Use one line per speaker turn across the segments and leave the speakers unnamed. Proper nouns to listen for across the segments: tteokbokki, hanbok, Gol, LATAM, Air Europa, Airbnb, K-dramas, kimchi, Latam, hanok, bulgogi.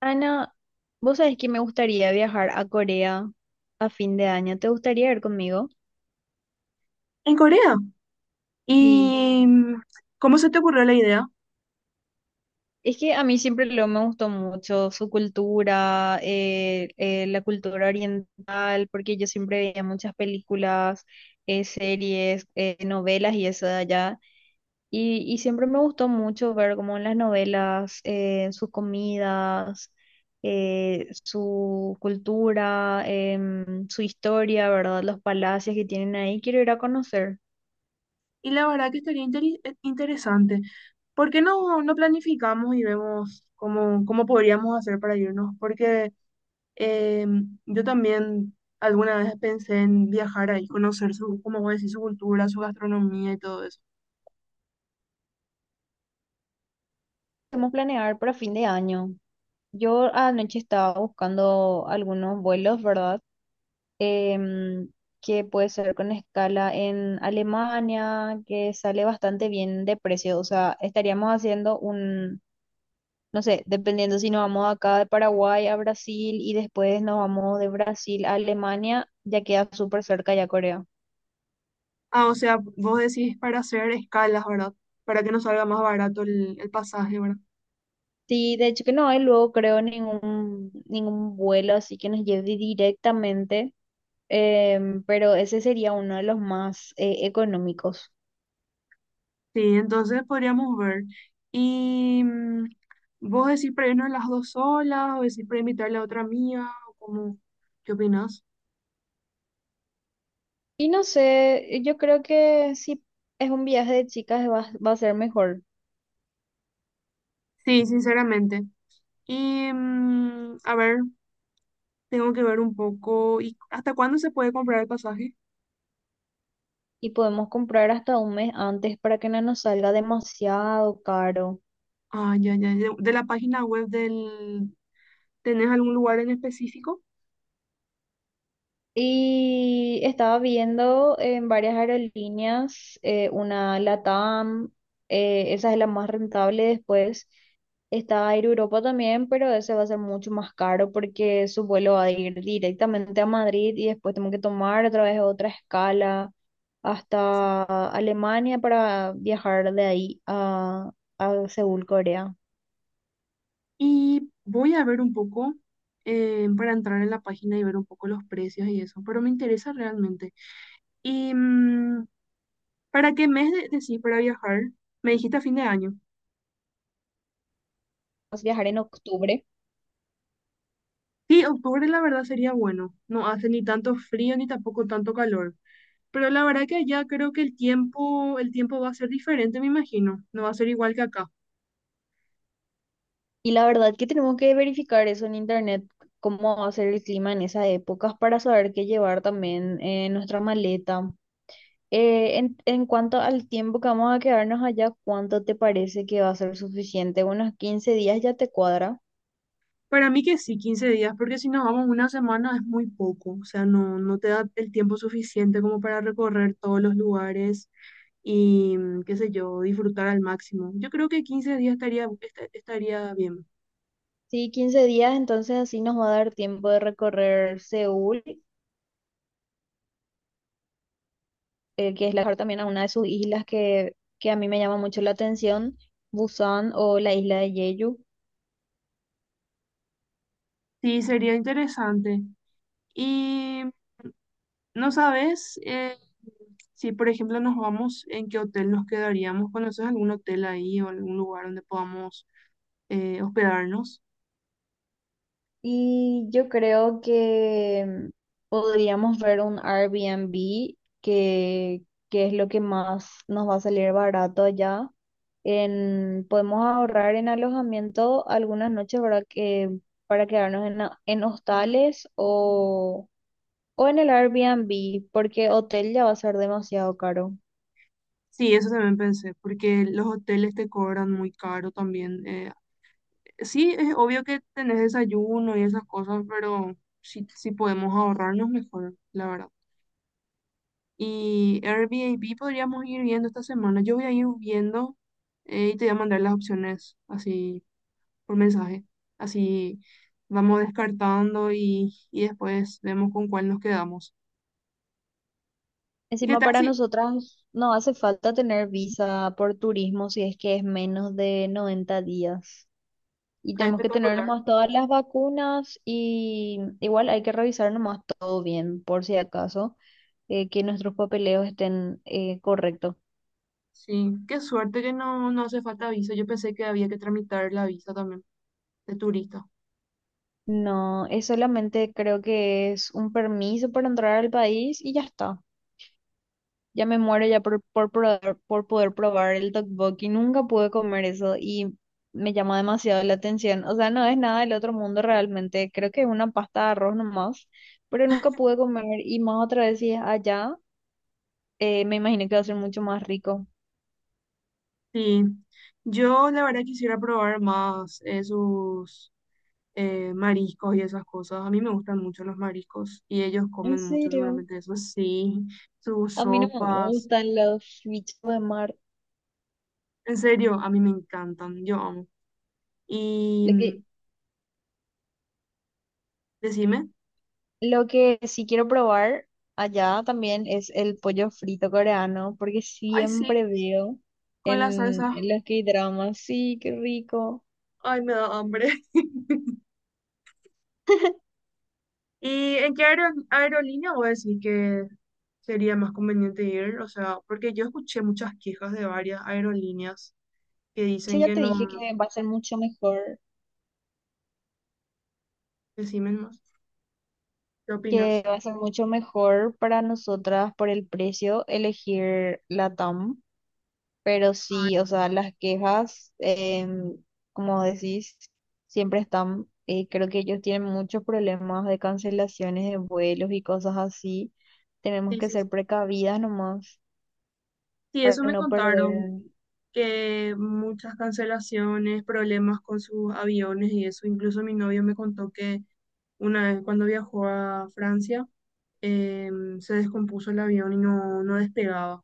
Ana, vos sabés que me gustaría viajar a Corea a fin de año. ¿Te gustaría ir conmigo?
En Corea.
Sí.
¿Y cómo se te ocurrió la idea?
Es que a mí siempre lo me gustó mucho su cultura, la cultura oriental, porque yo siempre veía muchas películas, series, novelas y eso de allá. Y siempre me gustó mucho ver como en las novelas, sus comidas, su cultura, su historia, ¿verdad? Los palacios que tienen ahí. Quiero ir a conocer.
Y la verdad que estaría interesante. ¿Por qué no, no planificamos y vemos cómo podríamos hacer para irnos? Porque eh, yo también alguna vez pensé en viajar ahí, conocer su, como vos decís, su cultura, su gastronomía y todo eso.
Podemos planear para fin de año. Yo anoche estaba buscando algunos vuelos, ¿verdad? Em, que puede ser con escala en Alemania, que sale bastante bien de precio. O sea, estaríamos haciendo no sé, dependiendo si nos vamos acá de Paraguay a Brasil y después nos vamos de Brasil a Alemania, ya queda súper cerca ya Corea.
Ah, o sea, vos decís para hacer escalas, ¿verdad? Para que nos salga más barato el pasaje, ¿verdad?
Sí, de hecho que no hay luego creo ningún vuelo así que nos lleve directamente, pero ese sería uno de los más económicos.
Sí, entonces podríamos ver. Y vos decís para irnos las dos solas, o decís para invitarle a otra amiga, o como, ¿qué opinas?
Y no sé, yo creo que si es un viaje de chicas va a ser mejor
Sí, sinceramente. Y a ver, tengo que ver un poco. ¿Y hasta cuándo se puede comprar el pasaje?
y podemos comprar hasta un mes antes para que no nos salga demasiado caro.
Ah, ya, ya, ya. De la página web del... ¿Tenés algún lugar en específico?
Y estaba viendo en varias aerolíneas, una LATAM, esa es la más rentable. Después está Air Europa también, pero ese va a ser mucho más caro porque su vuelo va a ir directamente a Madrid y después tengo que tomar otra vez otra escala hasta Alemania para viajar de ahí a Seúl, Corea.
Y voy a ver un poco para entrar en la página y ver un poco los precios y eso, pero me interesa realmente. Y ¿para qué mes decís para viajar? Me dijiste a fin de año.
Vamos a viajar en octubre.
Sí, octubre la verdad sería bueno. No hace ni tanto frío ni tampoco tanto calor. Pero la verdad que allá creo que el tiempo va a ser diferente, me imagino. No va a ser igual que acá.
Y la verdad que tenemos que verificar eso en internet, cómo va a ser el clima en esa época para saber qué llevar también en nuestra maleta. En cuanto al tiempo que vamos a quedarnos allá, ¿cuánto te parece que va a ser suficiente? ¿Unos 15 días ya te cuadra?
Para mí que sí, 15 días, porque si nos vamos una semana es muy poco. O sea, no, no te da el tiempo suficiente como para recorrer todos los lugares y, mm, qué sé yo, disfrutar al máximo. Yo creo que 15 días estaría, estaría bien.
Sí, 15 días, entonces así nos va a dar tiempo de recorrer Seúl, que es la, también a una de sus islas que a mí me llama mucho la atención, Busan o la isla de Jeju.
Sí, sería interesante. ¿Y no sabes si, por ejemplo, nos vamos, en qué hotel nos quedaríamos? ¿Conoces algún hotel ahí o algún lugar donde podamos hospedarnos?
Y yo creo que podríamos ver un Airbnb que, que es lo que más nos va a salir barato allá. En, podemos ahorrar en alojamiento algunas noches, ¿verdad? Que, para quedarnos en, en hostales o en el Airbnb, porque hotel ya va a ser demasiado caro.
Sí, eso también pensé, porque los hoteles te cobran muy caro también. Sí, es obvio que tenés desayuno y esas cosas, pero si podemos ahorrarnos mejor, la verdad. Y Airbnb podríamos ir viendo esta semana. Yo voy a ir viendo y te voy a mandar las opciones así por mensaje. Así vamos descartando y después vemos con cuál nos quedamos. ¿Y qué
Encima
tal
para
si...
nosotras no hace falta tener visa por turismo si es que es menos de 90 días. Y
Ah,
tenemos que tener
espectacular.
nomás todas las vacunas y igual hay que revisar nomás todo bien, por si acaso, que nuestros papeleos estén correctos.
Sí, qué suerte que no, no hace falta visa. Yo pensé que había que tramitar la visa también de turista.
No, es solamente creo que es un permiso para entrar al país y ya está. Ya me muero ya por poder probar el tteokbokki. Nunca pude comer eso y me llama demasiado la atención. O sea, no es nada del otro mundo realmente. Creo que es una pasta de arroz nomás, pero nunca pude comer y más otra vez si es allá. Me imagino que va a ser mucho más rico.
Sí, yo la verdad quisiera probar más esos mariscos y esas cosas. A mí me gustan mucho los mariscos y ellos
En
comen mucho
serio,
seguramente eso. Sí, sus
a mí no me
sopas.
gustan los bichos de mar.
En serio, a mí me encantan, yo amo. Y
Lo que,
decime.
lo que sí quiero probar allá también es el pollo frito coreano, porque
Ay, sí,
siempre veo
con la salsa.
en los K-dramas, sí, qué rico.
Ay, me da hambre. ¿Y en qué aerolínea voy a decir que sería más conveniente ir? O sea, porque yo escuché muchas quejas de varias aerolíneas que
Yo
dicen
ya
que
te dije
no.
que va a ser mucho mejor,
Decime más. ¿Qué
que
opinas?
va a ser mucho mejor para nosotras por el precio elegir Latam. Pero
Ay,
sí, o sea, las quejas, em, como decís, siempre están, creo que ellos tienen muchos problemas de cancelaciones de vuelos y cosas así. Tenemos
sí,
que
sí,
ser
sí.
precavidas nomás
Sí,
para
eso me
no
contaron,
perder.
que muchas cancelaciones, problemas con sus aviones y eso. Incluso mi novio me contó que una vez cuando viajó a Francia, se descompuso el avión y no, no despegaba.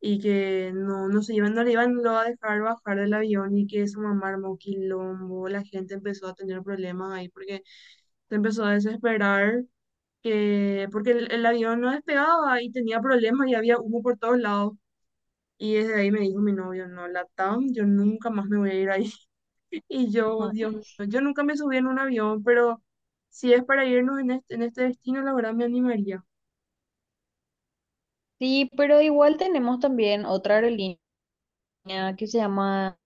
Y que no, no se iban, no le iban luego a dejar bajar del avión y que eso mamá armó quilombo, la gente empezó a tener problemas ahí porque se empezó a desesperar que porque el avión no despegaba y tenía problemas y había humo por todos lados. Y desde ahí me dijo mi novio, no, Latam, yo nunca más me voy a ir ahí. Y yo, Dios mío, yo nunca me subí en un avión, pero si es para irnos en este destino, la verdad me animaría.
Sí, pero igual tenemos también otra aerolínea que se llama,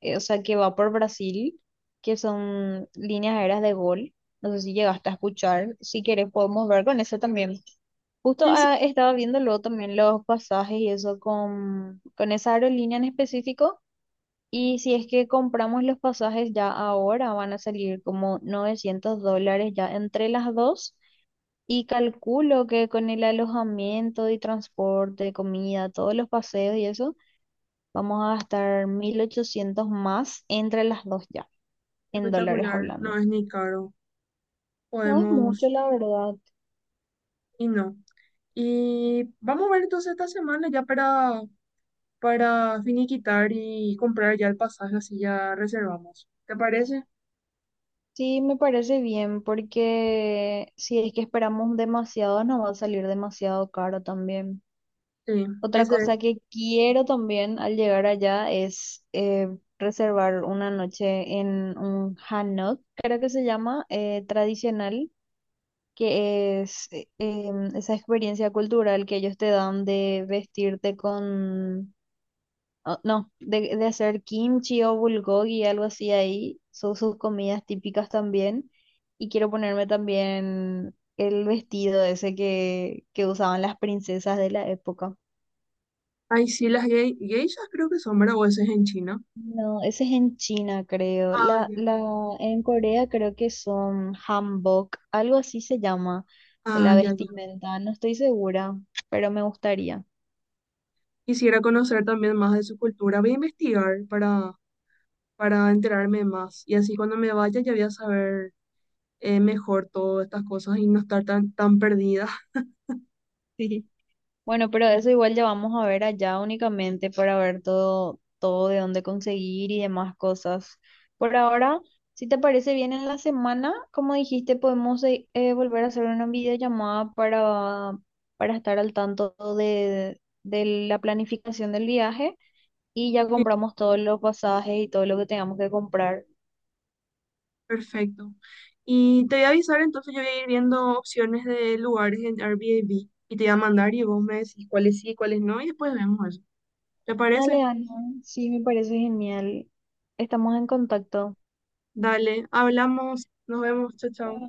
o sea, que va por Brasil, que son líneas aéreas de Gol. No sé si llegaste a escuchar. Si quieres, podemos ver con eso también. Justo
Sí, sí,
estaba viendo luego también los pasajes y eso con esa aerolínea en específico. Y si es que compramos los pasajes ya ahora, van a salir como $900 ya entre las dos. Y calculo que con el alojamiento y transporte, comida, todos los paseos y eso, vamos a gastar 1.800 más entre las dos ya, en dólares
espectacular, no
hablando.
es ni caro,
No es mucho,
podemos,
la verdad.
y no. Y vamos a ver entonces esta semana ya para finiquitar y comprar ya el pasaje, así ya reservamos. ¿Te parece?
Sí, me parece bien, porque si es que esperamos demasiado, nos va a salir demasiado caro también.
Sí,
Otra
ese.
cosa que quiero también al llegar allá es reservar una noche en un hanok, creo que se llama, tradicional, que es esa experiencia cultural que ellos te dan de vestirte con o- no, de hacer kimchi o bulgogi, algo así ahí. Son sus comidas típicas también. Y quiero ponerme también el vestido ese que usaban las princesas de la época.
Ay, sí, las geishas creo que son, ¿verdad? O ese es en China.
No, ese es en China, creo.
Ah, ya.
En Corea creo que son hanbok, algo así se llama,
Ah,
la
ya, ya.
vestimenta. No estoy segura, pero me gustaría.
Quisiera conocer también más de su cultura. Voy a investigar para enterarme más. Y así cuando me vaya ya voy a saber mejor todas estas cosas y no estar tan, tan perdida.
Bueno, pero eso igual ya vamos a ver allá únicamente para ver todo, todo de dónde conseguir y demás cosas. Por ahora, si te parece bien en la semana, como dijiste, podemos volver a hacer una videollamada para estar al tanto de la planificación del viaje y ya compramos todos los pasajes y todo lo que tengamos que comprar.
Perfecto. Y te voy a avisar, entonces yo voy a ir viendo opciones de lugares en Airbnb y te voy a mandar y vos me decís cuáles sí, cuáles no y después vemos eso. ¿Te parece?
Dale, Ana, sí, me parece genial. Estamos en contacto.
Dale, hablamos, nos vemos, chao, chao.